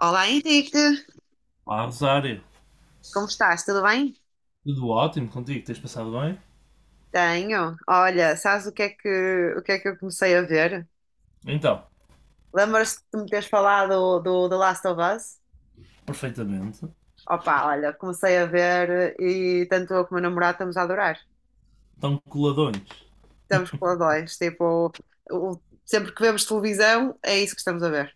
Olá Henrique, Olá, Rosário. como estás? Tudo bem? Tudo ótimo contigo? Tens passado bem? Tenho. Olha, sabes o que é que eu comecei a ver? Então, Lembras-te de me teres falado do The Last of Us? perfeitamente. Opa, olha, comecei a ver e tanto eu como o meu namorado estamos a adorar. Estão coladões. Estamos com os dois, tipo, sempre que vemos televisão é isso que estamos a ver.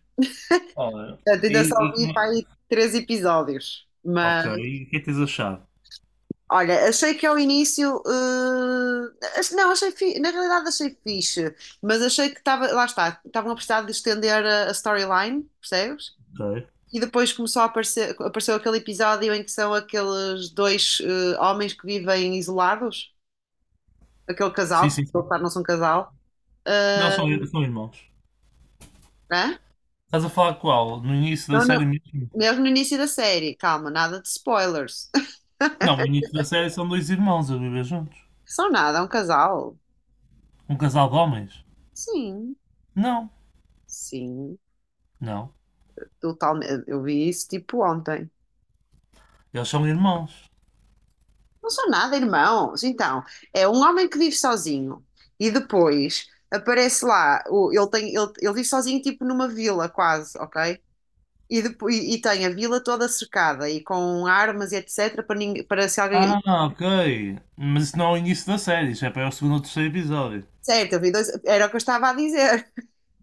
Olha, Portanto, e, ainda só e vi como para é- aí três episódios. ok, e o que é que tens achado? Olha, achei que ao início, não, achei na realidade achei fixe, mas achei que estava. Lá está, estavam a precisar de estender a storyline, percebes? Ok. E depois começou a aparecer, apareceu aquele episódio em que são aqueles dois homens que vivem isolados, aquele casal, Sim, que sim, sim. eles claro, não são casal. Não, Eh, são irmãos. né? Estás a falar qual? No início da Não, série não. mesmo? Mesmo no início da série, calma, nada de spoilers. Não, no início da série são dois irmãos a viver juntos. São nada, é um casal. Um casal de homens? Sim, Não, sim, não. totalmente. Eu vi isso tipo ontem. Eles são irmãos. Não são nada, irmãos. Então, é um homem que vive sozinho e depois aparece lá, ele vive sozinho tipo numa vila quase, ok? E depois, e tem a vila toda cercada e com armas e etc para, ninguém, para se alguém... Ah, ok. Mas isso não é o início da série, isso é para o segundo ou terceiro episódio. Certo, eu vi dois, era o que eu estava a dizer.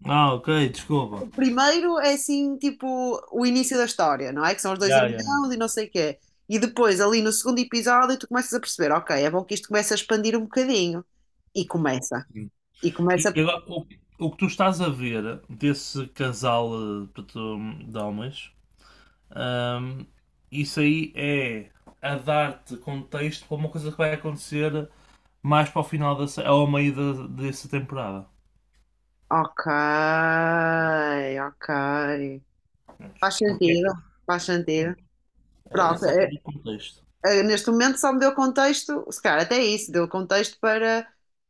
Ah, ok, desculpa. O primeiro é assim, tipo, o início da história, não é? Que são os dois Ya, ya. irmãos e não sei o quê. E depois, ali no segundo episódio, tu começas a perceber, ok, é bom que isto comece a expandir um bocadinho. E começa. E E começa agora, o que tu estás a ver desse casal portanto, de homens, ahm, isso aí é a dar-te contexto para uma coisa que vai acontecer mais para o final dessa, ao meio da, dessa temporada. Ok, ok. Prontos. Faz Porque sentido, faz sentido. pronto, é, Pronto, isso é para o contexto. Neste momento só me deu contexto, se calhar até isso, deu contexto para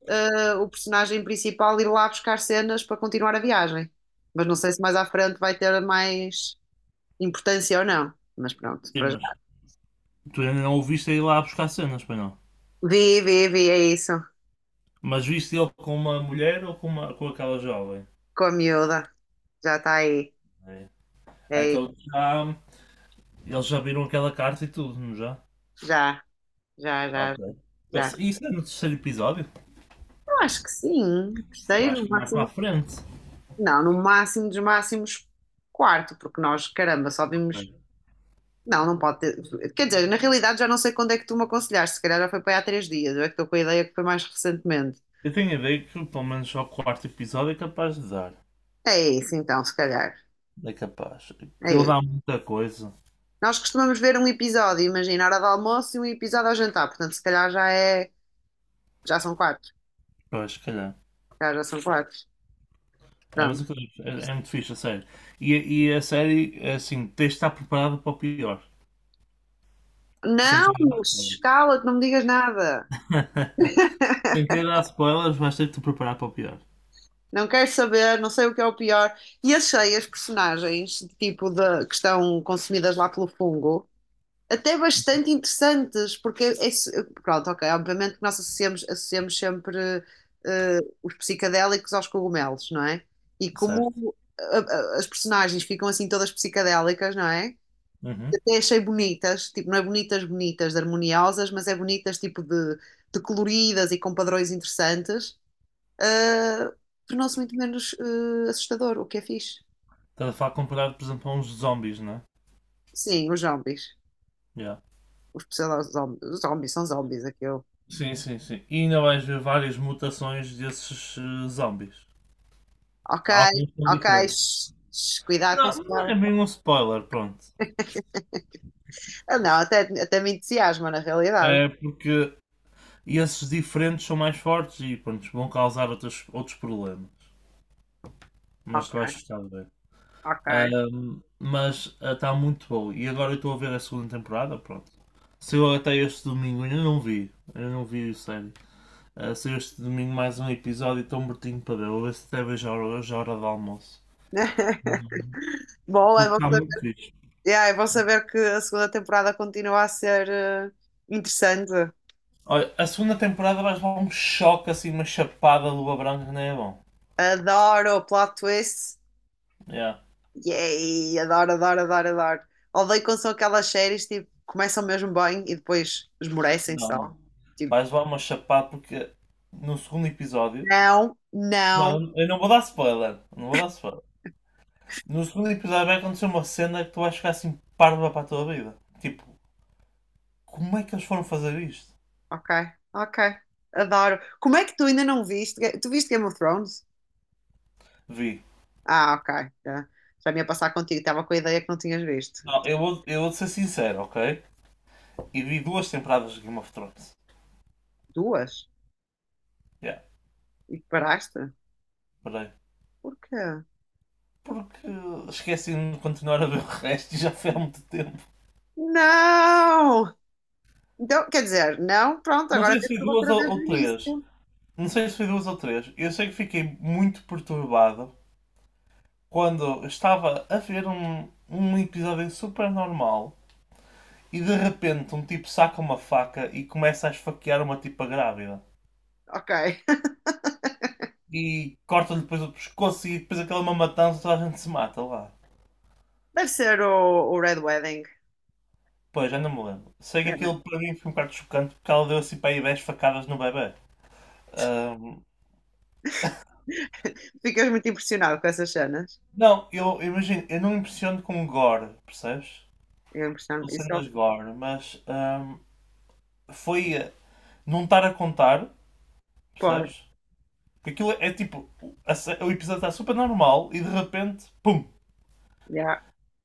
o personagem principal ir lá buscar cenas para continuar a viagem. Mas não sei se mais à frente vai ter mais importância ou não. Mas pronto, Sim, para já. mas tu ainda não o viste ir lá buscar cenas, pois não? Vi, vi, vi, é isso. Mas viste ele com uma mulher ou com aquela jovem? Com a miúda, já está aí. É. É Então isso. já, eles já viram aquela carta e tudo, não já? Já, já, já, Ok. Já. Isso é no terceiro episódio? Eu acho que sim. Eu acho Terceiro, que é mais para a máximo. frente. Não, no máximo dos máximos, quarto, porque nós, caramba, só Ok. vimos. Não, não pode ter. Quer dizer, na realidade já não sei quando é que tu me aconselhaste, se calhar já foi para aí há três dias, eu é que estou com a ideia que foi mais recentemente. Eu tenho a ideia que pelo menos ao quarto episódio é capaz de dar. É isso então, se calhar. É capaz. É Aquilo dá isso. muita coisa. Nós costumamos ver um episódio, imagina, hora do almoço e um episódio ao jantar, portanto, se calhar já é. Já são quatro. Se Pois, se calhar. calhar já são quatro. É, mas Pronto. aquilo é muito fixe, a série. E a série, é assim, tens de estar preparado para o pior. Sem Não, querer dar spoilers. cala-te, não me digas nada. Sem querer dar spoilers, vais ter de te preparar para o pior. Não quero saber, não sei o que é o pior. E achei as personagens, tipo, que estão consumidas lá pelo fungo até bastante interessantes, porque pronto, ok, obviamente que nós associamos sempre os psicadélicos aos cogumelos, não é? E Certo. como as personagens ficam assim todas psicadélicas, não é? Uhum. Até achei bonitas, tipo, não é bonitas, bonitas, de harmoniosas, mas é bonitas, tipo, de coloridas e com padrões interessantes. Eh, Tornou-se muito menos assustador, o que é fixe. Estás a falar comparado, por exemplo, a uns zombies, não é? Sim, os zombies. Yeah. Os pseudo-zombies. Os zombies são zombies, aquilo. Sim, sim, sim. E ainda vais ver várias mutações desses zombies. Ok, Alguns são ok. diferentes. Shh, shh, cuidado com o Não, não é cuidado. bem um spoiler, pronto. Ah, não, até me entusiasma, na realidade. É porque esses diferentes são mais fortes e pronto, vão causar outros, problemas. Mas tu Ok, vais gostar de ver. ok. Mas está muito bom. E agora eu estou a ver a segunda temporada, pronto. Saiu até este domingo, ainda não vi. Ainda não vi o série. Ah, saiu este domingo mais um episódio e estou mortinho para ver. Vou ver se até vejo a hora, hoje à hora do almoço. Bom, é Porque bom está saber, muito fixe. yeah, é bom saber que a segunda temporada continua a ser interessante. Olha, a segunda temporada vais levar um choque assim, uma chapada de luva branca que nem é bom. Adoro o plot twist. Yeah. Yay, adoro, adoro, adoro, adoro. Odeio quando são aquelas séries tipo, começam mesmo bem e depois esmorecem Não, só. não. Tipo, Vais levar uma chapada porque no segundo episódio. não, não. Não, eu não vou dar spoiler. Não vou dar spoiler. No segundo episódio vai acontecer uma cena que tu vais ficar assim parva para a tua vida. Tipo, como é que eles foram fazer isto? Ok, ok. Adoro. Como é que tu ainda não viste? Tu viste Game of Thrones? Vi. Ah, ok. Já me ia passar contigo. Estava com a ideia que não tinhas visto. Não, eu vou ser sincero, ok? E vi duas temporadas de Game of Thrones. Duas? Yeah, E paraste? peraí. Porquê? Porque esqueci de continuar a ver o resto e já foi há muito tempo. Não! Então, quer dizer, não, pronto, Não agora sei se tens foi tudo duas outra vez do ou três. início. Não sei se foi duas ou três. Eu sei que fiquei muito perturbado quando estava a ver um episódio super normal e de repente um tipo saca uma faca e começa a esfaquear uma tipa grávida. Ok. E corta-lhe depois o pescoço e depois aquela é uma matança toda a gente se mata lá. Deve ser o Red Wedding. Pois, já não me lembro. Sei que É. aquilo para mim foi um bocado chocante porque ela deu assim para aí 10 facadas no bebê. Ahm, Ficas muito impressionado com essas cenas. não, eu imagino, eu não me impressiono com gore, percebes? Eu impressiono. Não Isso, sendo as Gore, mas foi não estar a contar, pô, percebes? Porque aquilo é tipo, o episódio está super normal e de repente, pum! yeah,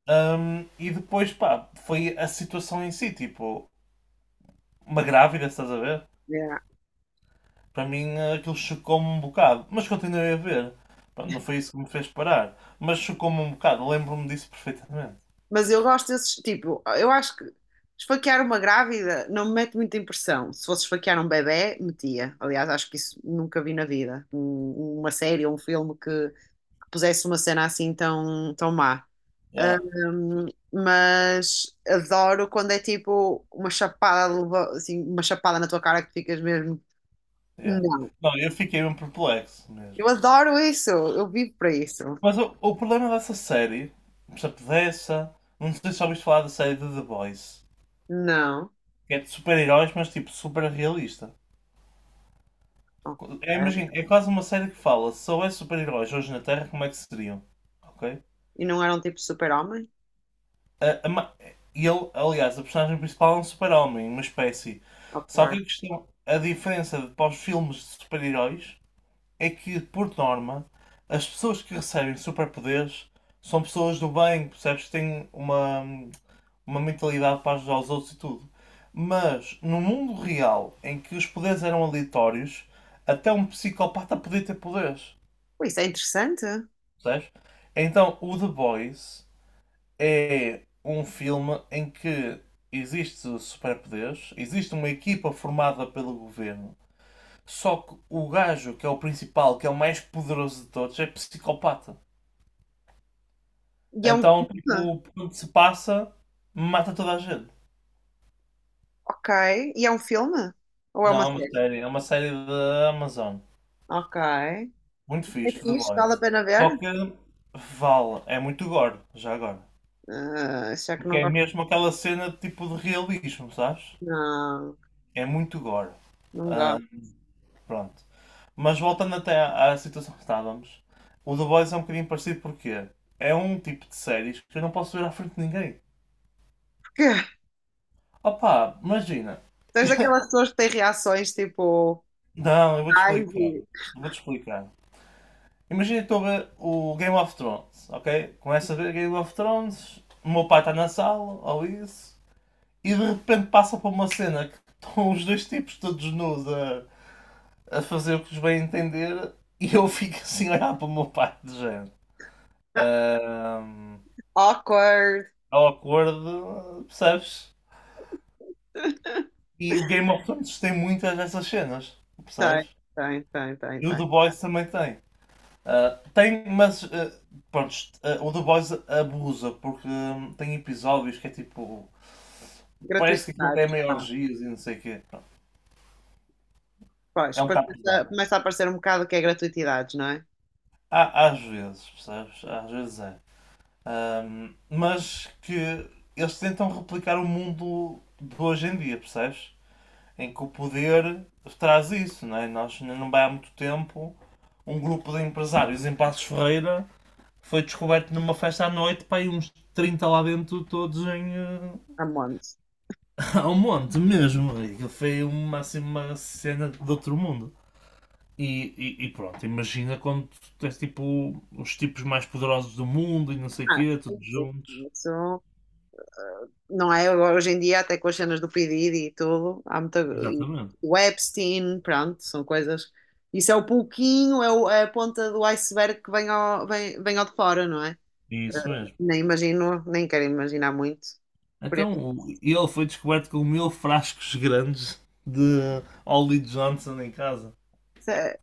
E depois, pá, foi a situação em si, tipo, uma grávida, estás a ver? yeah. Para mim aquilo chocou-me um bocado, mas continuei a ver. Pá, não foi isso que me fez parar, mas chocou-me um bocado, lembro-me disso perfeitamente. Mas eu gosto desses, tipo, eu acho que esfaquear uma grávida não me mete muita impressão. Se fosse esfaquear um bebé, metia. Aliás, acho que isso nunca vi na vida. Uma série ou um filme que pusesse uma cena assim tão, tão má. Yeah, Ahm, mas adoro quando é tipo uma chapada, assim, uma chapada na tua cara que tu ficas mesmo. yeah. Não, Não, eu fiquei mesmo perplexo mesmo. eu adoro isso, eu vivo para isso. Mas o problema dessa série, por exemplo, dessa, não sei se já ouviste falar da série de The Boys, Não, que é de super-heróis, mas tipo super realista. ok. É, imagina, é quase uma série que fala se houvesse super-heróis hoje na Terra, como é que seriam? Ok? E não era um tipo super-homem? A- a ma- e ele, aliás, a personagem principal é um super-homem, uma espécie. Só que Ok. a questão, a diferença para os filmes de super-heróis é que, por norma, as pessoas que recebem superpoderes são pessoas do bem, percebes? Que têm uma mentalidade para ajudar os outros e tudo. Mas no mundo real, em que os poderes eram aleatórios, até um psicopata podia ter poderes. Pô, isso é interessante. Percebes? Então o The Boys é um filme em que existe superpoderes, existe uma equipa formada pelo governo. Só que o gajo que é o principal, que é o mais poderoso de todos, é psicopata. E é um Então, filme? tipo, por onde se passa, mata toda a gente. Ok. E é um filme? Ou é uma Não, é uma série? série, é uma série da Amazon. Ok. Muito É fixe, The fixe, vale a Boys. pena ver? Só que vale, é muito gore, já agora. Ah, já que Porque não é gosto, mesmo aquela cena de tipo de realismo, sabes? não. É muito gore. Não gosto. Pronto. Mas voltando até à situação que estávamos, o The Boys é um bocadinho parecido porque é um tipo de séries que eu não posso ver à frente de ninguém. Porque Opa, imagina. tu és daquelas pessoas que têm reações tipo. Não, eu vou-te Ai, explicar. vi. Eu Vou-te explicar. Imagina que estou a ver o Game of Thrones, ok? Começo a ver Game of Thrones, o meu pai está na sala, ou isso. E de repente passa para uma cena que estão os dois tipos todos nus a fazer o que os bem entender e eu fico assim a olhar para o meu pai de género. Ahm, Awkward. awkward, percebes? E o Game of Thrones tem muitas dessas cenas, Tem, percebes? tem, tem, tem, E o tem. The Boys também tem. Ah, tem, mas ah, pronto, ah, o The Boys abusa porque tem episódios que é tipo. Parece que aquilo é Gratuitidades, meio pá. orgias e não sei o quê. Pronto, Pois, é um depois bocado começa pesado. começa a aparecer um bocado o que é gratuitidades, não é? Há, às vezes, percebes? Às vezes é. Mas que eles tentam replicar o mundo de hoje em dia, percebes? Em que o poder traz isso, não é? Nós não vai há muito tempo um grupo de empresários em Passos Ferreira foi descoberto numa festa à noite, pá, e uns 30 lá dentro, todos em. A monte. Ao monte mesmo. E aquilo foi uma, assim, uma cena de outro mundo. E pronto, imagina quando tens tipo os tipos mais poderosos do mundo e não sei o Ah, quê, sim, todos sim. juntos. Isso, não é? Hoje em dia, até com as cenas do P. Diddy e tudo, há muita. E Exatamente. o Epstein, pronto, são coisas. Isso é o pouquinho, é a ponta do iceberg que vem ao de fora, não é? Isso mesmo. Nem imagino, nem quero imaginar muito. Por Então, isso, ele foi descoberto com 1.000 frascos grandes de Ollie Johnson em casa. isso é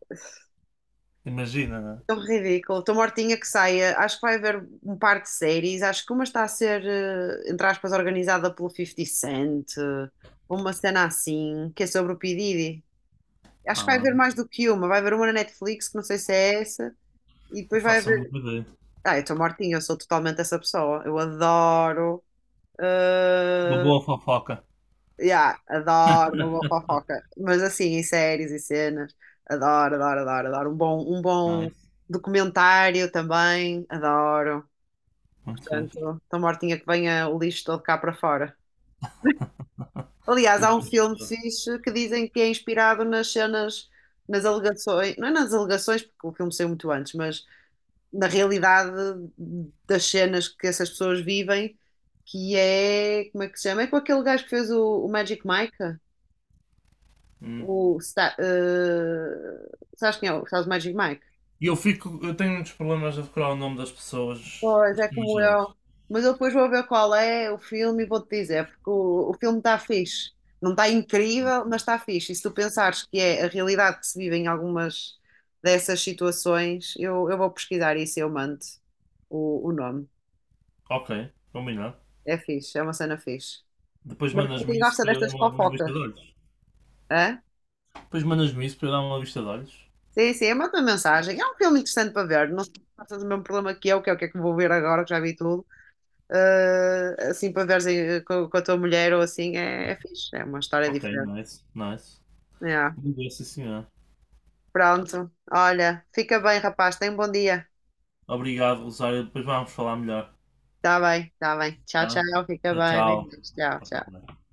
Imagina, né? tão ridículo. Estou mortinha que saia. Acho que vai haver um par de séries. Acho que uma está a ser, entre aspas, organizada pelo 50 Cent, uma cena assim, que é sobre o P. Diddy. Acho que vai Ah, haver mais do que uma. Vai haver uma na Netflix, que não sei se é essa. E eu depois vai faço a minha haver. ideia. Ah, eu estou mortinha, eu sou totalmente essa pessoa. Eu adoro. Uma ah, boa fofoca. yeah, adoro uma boa fofoca. Mas assim, em séries e cenas, adoro, adoro, adoro, adoro. Um bom Nice. documentário também, adoro. Muito fixe. Portanto, estou mortinha que venha o lixo todo cá para fora. Aliás, O há um filme investidor. fixe que dizem que é inspirado nas cenas, nas alegações, não é nas alegações, porque o filme saiu muito antes, mas na realidade das cenas que essas pessoas vivem, que é, como é que se chama? É com aquele gajo que fez o Magic Mike? Hum. O, Sta- eh, Sabes quem é? Sabes o Magic Mike? E eu fico. Eu tenho muitos problemas a decorar o nome das pessoas Pois, é como eu. estrangeiras. Mas eu depois vou ver qual é o filme e vou-te dizer, porque o filme está fixe. Não está incrível, mas está fixe. E se tu pensares que é a realidade que se vive em algumas dessas situações, eu vou pesquisar isso e eu mando o nome. Ok, combinado. É fixe, é uma cena fixe. Depois Mas para mandas-me quem isso gosta para eu dar destas uma vista fofocas, de olhos. hã? Depois mandas-me isso para eu dar uma vista de olhos. Sim, sim, manda uma mensagem. É um filme interessante para ver. Não sei se passas o mesmo problema que eu, que é o que é que vou ver agora, que já vi tudo. Ah, assim, para veres com a tua mulher ou assim, é fixe. É uma história Ok, diferente. nice, nice. Yeah. Muito bem, sim senhor. Pronto. Olha, fica bem, rapaz. Tenha um bom dia. Obrigado, Rosário. Depois vamos falar melhor. Tá bem, tá bem. Tchau, tchau. Tá? Fica Tchau, bem. tchau. Beijinhos. Tchau, Tá tudo tchau. bem.